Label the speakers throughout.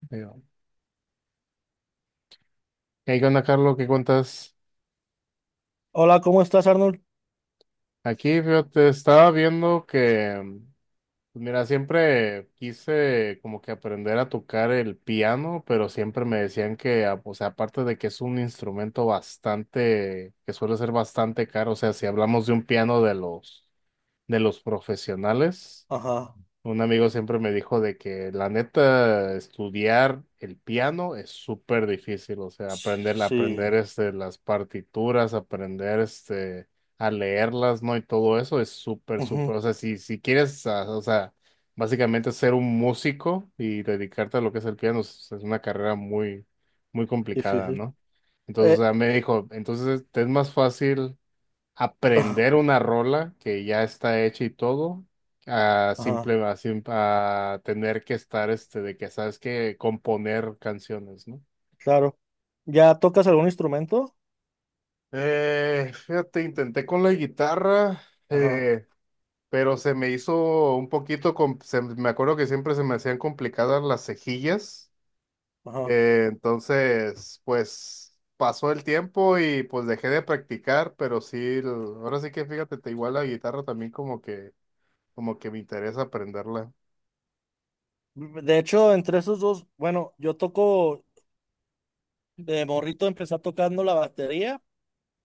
Speaker 1: Digo, ¿Qué onda, Carlos? ¿Qué cuentas?
Speaker 2: Hola, ¿cómo estás, Arnold?
Speaker 1: Aquí, fíjate, estaba viendo pues, mira, siempre quise como que aprender a tocar el piano, pero siempre me decían que, o sea, aparte de que es un instrumento bastante, que suele ser bastante caro, o sea, si hablamos de un piano de los profesionales.
Speaker 2: Ajá,
Speaker 1: Un amigo siempre me dijo de que la neta estudiar el piano es súper difícil, o sea, aprender
Speaker 2: sí,
Speaker 1: las partituras, aprender a leerlas, ¿no? Y todo eso es súper,
Speaker 2: ujú,
Speaker 1: o sea, si quieres, o sea, básicamente ser un músico y dedicarte a lo que es el piano, es una carrera muy complicada,
Speaker 2: difícil.
Speaker 1: ¿no? Entonces, o
Speaker 2: Eh,
Speaker 1: sea, me dijo, entonces te es más fácil
Speaker 2: ah,
Speaker 1: aprender una rola que ya está hecha y todo, a
Speaker 2: ajá,
Speaker 1: simple, a, sim- a tener que estar este de que sabes que componer canciones, ¿no?
Speaker 2: claro. ¿Ya tocas algún instrumento?
Speaker 1: Fíjate, intenté con la guitarra.
Speaker 2: Ajá,
Speaker 1: eh, pero se me hizo un poquito, me acuerdo que siempre se me hacían complicadas las cejillas.
Speaker 2: ajá.
Speaker 1: Entonces, pues pasó el tiempo y pues dejé de practicar, pero sí, ahora sí que fíjate, te igual la guitarra también como que, como que, me interesa aprenderla.
Speaker 2: De hecho, entre esos dos, bueno, yo toco, de morrito empecé tocando la batería,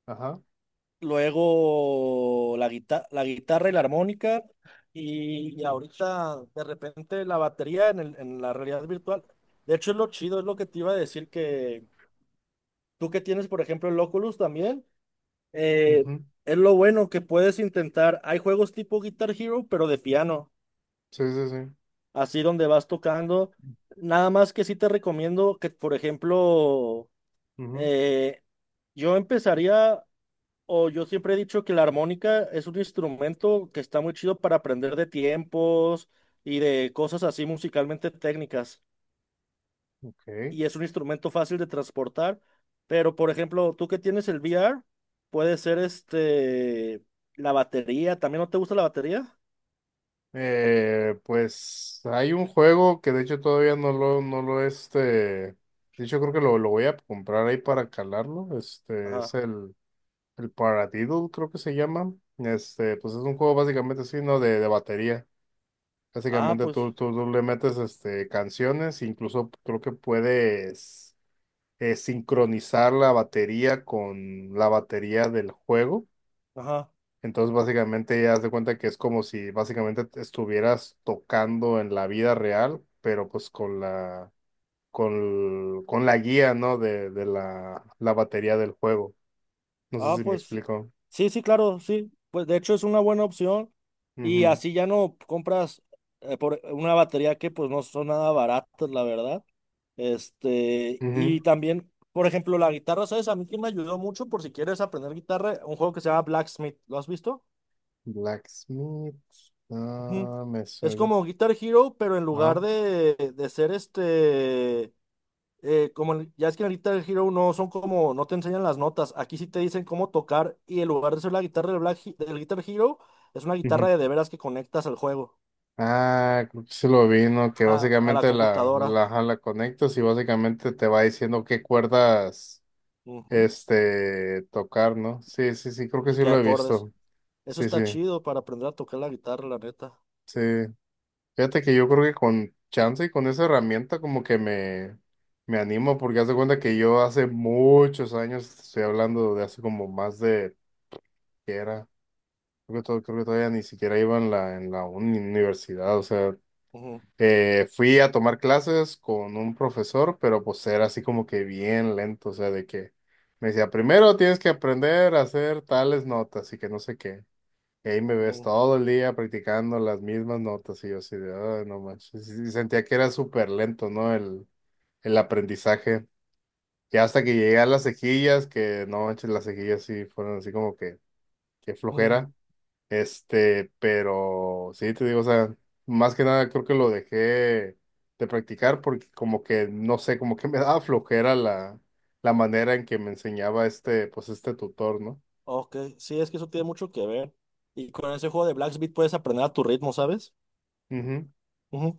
Speaker 1: Ajá.
Speaker 2: luego la guitarra y la armónica, y ahorita de repente la batería en la realidad virtual. De hecho, es lo chido, es lo que te iba a decir que tú que tienes, por ejemplo, el Oculus también. Eh,
Speaker 1: Ujú.
Speaker 2: es lo bueno que puedes intentar. Hay juegos tipo Guitar Hero, pero de piano,
Speaker 1: Sí, sí, sí.
Speaker 2: así donde vas tocando. Nada más que sí te recomiendo que, por ejemplo,
Speaker 1: Ujú.
Speaker 2: eh, yo empezaría, o yo siempre he dicho que la armónica es un instrumento que está muy chido para aprender de tiempos y de cosas así musicalmente técnicas.
Speaker 1: Ok.
Speaker 2: Y es un instrumento fácil de transportar, pero por ejemplo, tú que tienes el VR, puede ser este, la batería, ¿también no te gusta la batería?
Speaker 1: Pues hay un juego que de hecho todavía no no lo este. De hecho, creo que lo voy a comprar ahí para calarlo. Este
Speaker 2: Ajá.
Speaker 1: es el Paradiddle, creo que se llama. Este, pues es un juego básicamente así, ¿no? De batería.
Speaker 2: Ah,
Speaker 1: Básicamente
Speaker 2: pues,
Speaker 1: tú le metes este, canciones, incluso creo que puedes sincronizar la batería con la batería del juego.
Speaker 2: ajá.
Speaker 1: Entonces, básicamente, ya haz de cuenta que es como si básicamente te estuvieras tocando en la vida real, pero pues con con la guía, ¿no? De la batería del juego. No sé
Speaker 2: Ah,
Speaker 1: si me
Speaker 2: pues,
Speaker 1: explico.
Speaker 2: sí, sí, claro, sí. Pues de hecho es una buena opción y
Speaker 1: Ujú,
Speaker 2: así ya no compras por una batería que pues no son nada baratas, la verdad. Este, y
Speaker 1: ujú.
Speaker 2: también, por ejemplo, la guitarra, ¿sabes? A mí que me ayudó mucho por si quieres aprender guitarra, un juego que se llama Blacksmith, ¿lo has visto?
Speaker 1: Blacksmith.
Speaker 2: Ujú.
Speaker 1: Ah, me
Speaker 2: Es
Speaker 1: suena.
Speaker 2: como Guitar Hero, pero en lugar
Speaker 1: Ah,
Speaker 2: de ser este, ya es que en Guitar Hero no son como, no te enseñan las notas, aquí sí te dicen cómo tocar y en lugar de ser la guitarra del Guitar Hero, es una guitarra
Speaker 1: ujú.
Speaker 2: de veras que conectas al juego,
Speaker 1: Ah, creo que se lo vi, ¿no? Que
Speaker 2: a la
Speaker 1: básicamente
Speaker 2: computadora.
Speaker 1: ajá, la conectas y básicamente te va diciendo qué cuerdas
Speaker 2: Ujú,
Speaker 1: este tocar, ¿no? Sí, sí, sí, creo que
Speaker 2: y
Speaker 1: sí
Speaker 2: que
Speaker 1: lo he
Speaker 2: acordes.
Speaker 1: visto.
Speaker 2: Eso
Speaker 1: Sí, sí,
Speaker 2: está chido para aprender a tocar la guitarra, la neta.
Speaker 1: sí. Fíjate que yo creo que con chance y con esa herramienta como que me animo porque haz de cuenta que yo hace muchos años, te estoy hablando de hace como más de que era, creo que, creo que todavía ni siquiera iba en en la universidad, o sea,
Speaker 2: Ujú,
Speaker 1: fui a tomar clases con un profesor, pero pues era así como que bien lento, o sea, de que me decía, primero tienes que aprender a hacer tales notas y que no sé qué. Y ahí me ves
Speaker 2: ujú,
Speaker 1: todo el día practicando las mismas notas y yo así de, "Ay, no manches". Y sentía que era súper lento, ¿no? El aprendizaje. Y hasta que llegué a las cejillas, que no manches, las cejillas sí fueron así como que, qué
Speaker 2: ujú.
Speaker 1: flojera. Este, pero sí, te digo, o sea, más que nada creo que lo dejé de practicar porque como que, no sé, como que me daba flojera la manera en que me enseñaba este, pues este tutor, ¿no?
Speaker 2: Ok, sí, es que eso tiene mucho que ver. Y con ese juego de Blacksmith puedes aprender a tu ritmo, ¿sabes?
Speaker 1: Ujú.
Speaker 2: Ujú.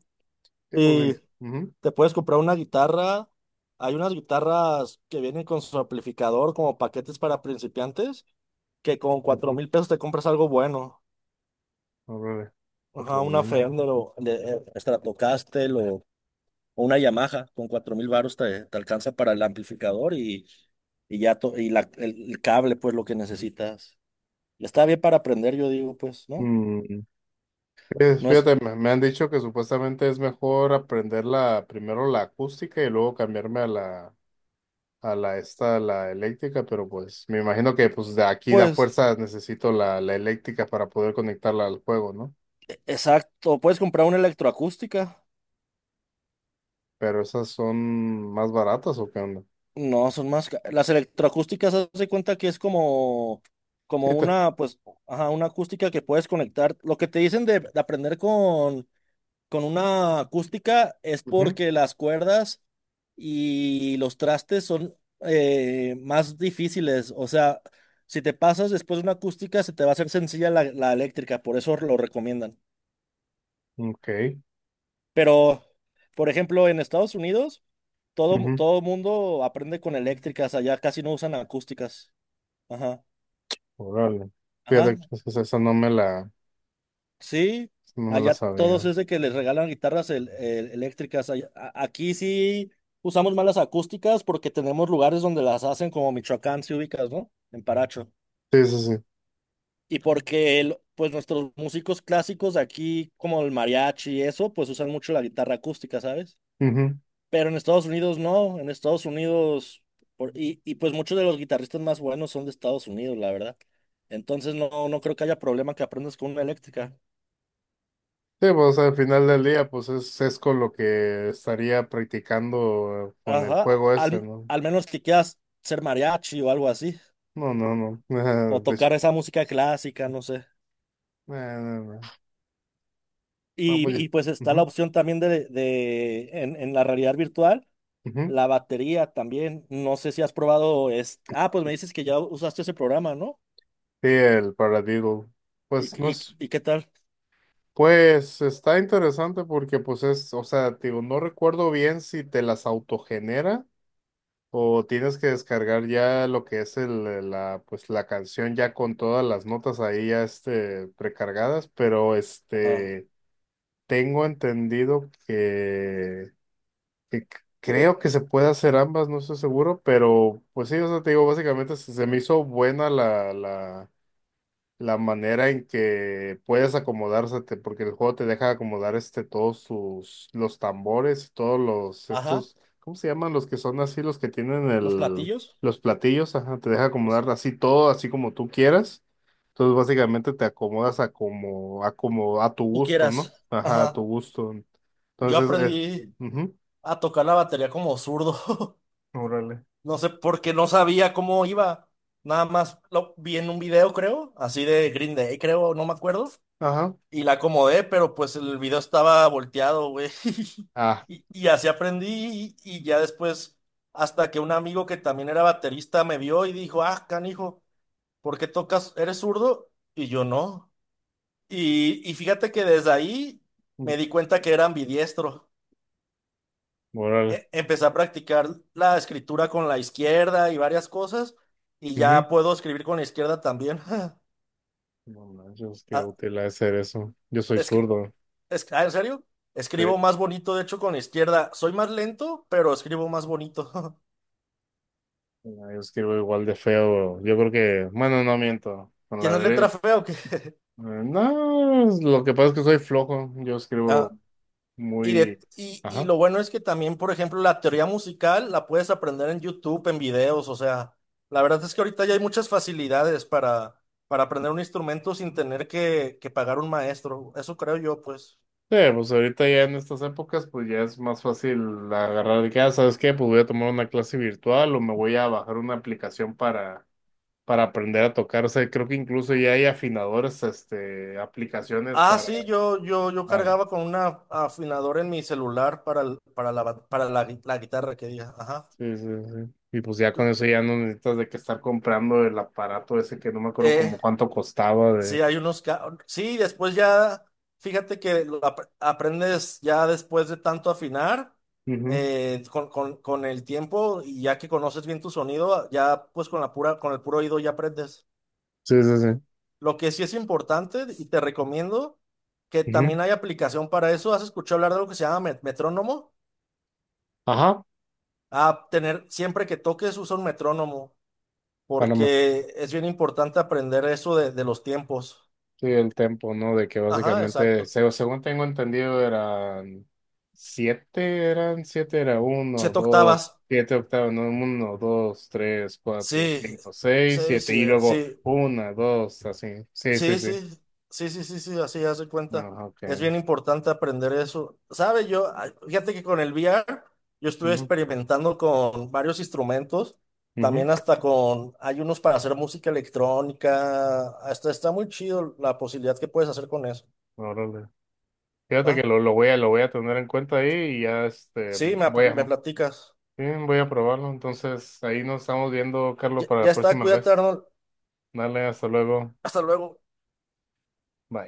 Speaker 1: Sí, pues,
Speaker 2: Y
Speaker 1: ujú.
Speaker 2: te puedes comprar una guitarra. Hay unas guitarras que vienen con su amplificador como paquetes para principiantes, que con cuatro
Speaker 1: Ujú.
Speaker 2: mil pesos te compras algo bueno.
Speaker 1: A ver, cuatro
Speaker 2: Ajá, una
Speaker 1: mil.
Speaker 2: Fender o Stratocaster o una Yamaha. Con 4,000 varos te alcanza para el amplificador y el cable, pues lo que necesitas. Y está bien para aprender, yo digo, pues, ¿no?
Speaker 1: Mm, pues,
Speaker 2: No es,
Speaker 1: fíjate, me han dicho que supuestamente es mejor aprender primero la acústica y luego cambiarme a a la esta, a la eléctrica, pero pues me imagino que pues de aquí da
Speaker 2: pues.
Speaker 1: fuerza necesito la eléctrica para poder conectarla al juego, ¿no?
Speaker 2: Exacto, puedes comprar una electroacústica.
Speaker 1: ¿Pero esas son más baratas o qué onda?
Speaker 2: No, son más. Las electroacústicas, haz de cuenta que es como, como
Speaker 1: Sí, te-
Speaker 2: una, pues, ajá, una acústica que puedes conectar. Lo que te dicen de aprender con una acústica es
Speaker 1: ujú.
Speaker 2: porque las cuerdas y los trastes son más difíciles. O sea, si te pasas después de una acústica, se te va a hacer sencilla la eléctrica, por eso lo recomiendan.
Speaker 1: Ok.
Speaker 2: Pero, por ejemplo, en Estados Unidos. Todo,
Speaker 1: Ujú.
Speaker 2: todo mundo aprende con eléctricas, allá casi no usan acústicas. Ajá,
Speaker 1: Órale.
Speaker 2: ajá,
Speaker 1: Fíjate que esa no me la
Speaker 2: sí.
Speaker 1: esa no me la
Speaker 2: Allá todos
Speaker 1: sabía.
Speaker 2: es de que les regalan guitarras eléctricas. Aquí sí usamos más las acústicas porque tenemos lugares donde las hacen, como Michoacán, si ubicas, ¿no? En Paracho.
Speaker 1: Sí, sí, sí.
Speaker 2: Y porque, pues, nuestros músicos clásicos de aquí, como el mariachi y eso, pues usan mucho la guitarra acústica, ¿sabes?
Speaker 1: Ujú.
Speaker 2: Pero en Estados Unidos no, en Estados Unidos, pues muchos de los guitarristas más buenos son de Estados Unidos, la verdad. Entonces no, no creo que haya problema que aprendas con una eléctrica.
Speaker 1: Sí, pues al final del día, pues es con lo que estaría practicando con el
Speaker 2: Ajá,
Speaker 1: juego ese,
Speaker 2: al,
Speaker 1: ¿no?
Speaker 2: al menos que quieras ser mariachi o algo así,
Speaker 1: No, no, no.
Speaker 2: o
Speaker 1: De hecho,
Speaker 2: tocar esa música clásica, no sé.
Speaker 1: no, no. No,
Speaker 2: Y,
Speaker 1: pues ya.
Speaker 2: y pues está la
Speaker 1: Ujú,
Speaker 2: opción también de en la realidad virtual,
Speaker 1: ujú.
Speaker 2: la batería también. No sé si has probado, ah, pues me dices que ya usaste ese programa, ¿no?
Speaker 1: Sí, el Paradiddle. Pues no
Speaker 2: ¿Y, y,
Speaker 1: es,
Speaker 2: y qué tal?
Speaker 1: pues está interesante porque pues es, o sea, te digo, no recuerdo bien si te las autogenera o tienes que descargar ya lo que es pues la canción ya con todas las notas ahí ya este precargadas, pero
Speaker 2: Ajá,
Speaker 1: este tengo entendido que, creo que se puede hacer ambas, no estoy seguro, pero pues sí, o sea, te digo, básicamente se me hizo buena la manera en que puedes acomodársete, porque el juego te deja acomodar este, todos los tambores, todos los,
Speaker 2: ajá,
Speaker 1: estos, ¿cómo se llaman? Los que son así, los que tienen
Speaker 2: los
Speaker 1: el,
Speaker 2: platillos.
Speaker 1: los platillos, ajá, te deja acomodar así todo, así como tú quieras. Entonces básicamente te acomodas a como, a tu
Speaker 2: Tú
Speaker 1: gusto,
Speaker 2: quieras.
Speaker 1: ¿no? Ajá, a tu
Speaker 2: Ajá.
Speaker 1: gusto.
Speaker 2: Yo
Speaker 1: Entonces,
Speaker 2: aprendí
Speaker 1: ujú.
Speaker 2: a tocar la batería como zurdo.
Speaker 1: Órale.
Speaker 2: No sé, porque no sabía cómo iba. Nada más lo vi en un video, creo, así de Green Day, creo, no me acuerdo.
Speaker 1: Ajá.
Speaker 2: Y la acomodé, pero pues el video estaba volteado, güey.
Speaker 1: Ah.
Speaker 2: Y así aprendí. Y ya después, hasta que un amigo que también era baterista me vio y dijo, ah, canijo, ¿por qué tocas? ¿Eres zurdo? Y yo no. Y fíjate que desde ahí me
Speaker 1: Ujú.
Speaker 2: di cuenta que era ambidiestro.
Speaker 1: Órale.
Speaker 2: Empecé a practicar la escritura con la izquierda y varias cosas, y
Speaker 1: Ujú.
Speaker 2: ya puedo escribir con la izquierda también.
Speaker 1: No manches, qué
Speaker 2: Ah,
Speaker 1: útil ha de ser eso. Yo soy
Speaker 2: escri-
Speaker 1: zurdo.
Speaker 2: ¿en serio?
Speaker 1: Sí.
Speaker 2: Escribo más bonito, de hecho, con la izquierda. Soy más lento, pero escribo más bonito.
Speaker 1: Mira, yo escribo igual de feo. Yo creo que, bueno, no miento. Con la
Speaker 2: ¿Tienes letra
Speaker 1: derecha.
Speaker 2: fea o qué?
Speaker 1: No, es- lo que pasa es que soy flojo. Yo escribo
Speaker 2: Ah, y,
Speaker 1: muy.
Speaker 2: de, y, y
Speaker 1: Ajá.
Speaker 2: lo bueno es que también, por ejemplo, la teoría musical la puedes aprender en YouTube, en videos, o sea, la verdad es que ahorita ya hay muchas facilidades para, aprender un instrumento sin tener que pagar un maestro. Eso creo yo, pues.
Speaker 1: Sí, pues ahorita ya en estas épocas, pues ya es más fácil agarrar de que, ah, ¿sabes qué? Pues voy a tomar una clase virtual o me voy a bajar una aplicación para aprender a tocar. O sea, creo que incluso ya hay afinadores, este, aplicaciones
Speaker 2: Ah, sí, yo
Speaker 1: para.
Speaker 2: cargaba con una afinadora en mi celular para, el- para, la, ba- para la, gui- la guitarra que diga. Ajá.
Speaker 1: Sí, sí, sí. Y pues ya con eso ya no necesitas de que estar comprando el aparato ese que no me acuerdo
Speaker 2: Eh,
Speaker 1: como cuánto costaba
Speaker 2: sí,
Speaker 1: de.
Speaker 2: hay unos. Sí, después ya, fíjate que lo aprendes ya después de tanto afinar,
Speaker 1: Ujú.
Speaker 2: con el tiempo y ya que conoces bien tu sonido, ya pues con el puro oído ya aprendes.
Speaker 1: Sí, sí,
Speaker 2: Lo que sí es importante y te recomiendo que
Speaker 1: sí.
Speaker 2: también
Speaker 1: Ujú.
Speaker 2: hay aplicación para eso. ¿Has escuchado hablar de algo que se llama metrónomo?
Speaker 1: Ajá,
Speaker 2: A tener, siempre que toques usa un metrónomo,
Speaker 1: Panamá.
Speaker 2: porque es bien importante aprender eso de los tiempos.
Speaker 1: Sí, el tempo, ¿no? De que
Speaker 2: Ajá,
Speaker 1: básicamente,
Speaker 2: exacto.
Speaker 1: según tengo entendido, eran eran siete, era uno,
Speaker 2: Siete
Speaker 1: dos,
Speaker 2: octavas.
Speaker 1: siete octavos, no, uno, dos, tres, cuatro,
Speaker 2: Sí,
Speaker 1: cinco, seis,
Speaker 2: seis,
Speaker 1: siete, y
Speaker 2: siete,
Speaker 1: luego
Speaker 2: sí,
Speaker 1: una, dos, así. Sí, sí,
Speaker 2: sí,
Speaker 1: sí.
Speaker 2: sí, sí, sí, sí, sí, así hace cuenta.
Speaker 1: Ah,
Speaker 2: Es
Speaker 1: ok.
Speaker 2: bien importante aprender eso. ¿Sabe? Ay, fíjate que con el V R yo estuve
Speaker 1: Ujú,
Speaker 2: experimentando con varios instrumentos,
Speaker 1: ujú.
Speaker 2: también hasta hay unos para hacer música electrónica, hasta está muy chido la posibilidad que puedes hacer con eso,
Speaker 1: Órale. Fíjate que
Speaker 2: ¿va?
Speaker 1: lo voy a tener en cuenta ahí y ya este
Speaker 2: Sí, me,
Speaker 1: voy
Speaker 2: me
Speaker 1: a,
Speaker 2: platicas.
Speaker 1: sí, voy a probarlo. Entonces, ahí nos estamos viendo, Carlos,
Speaker 2: Ya,
Speaker 1: para la
Speaker 2: ya está,
Speaker 1: próxima
Speaker 2: cuídate,
Speaker 1: vez.
Speaker 2: Arnold.
Speaker 1: Dale, hasta luego.
Speaker 2: Hasta luego.
Speaker 1: Bye.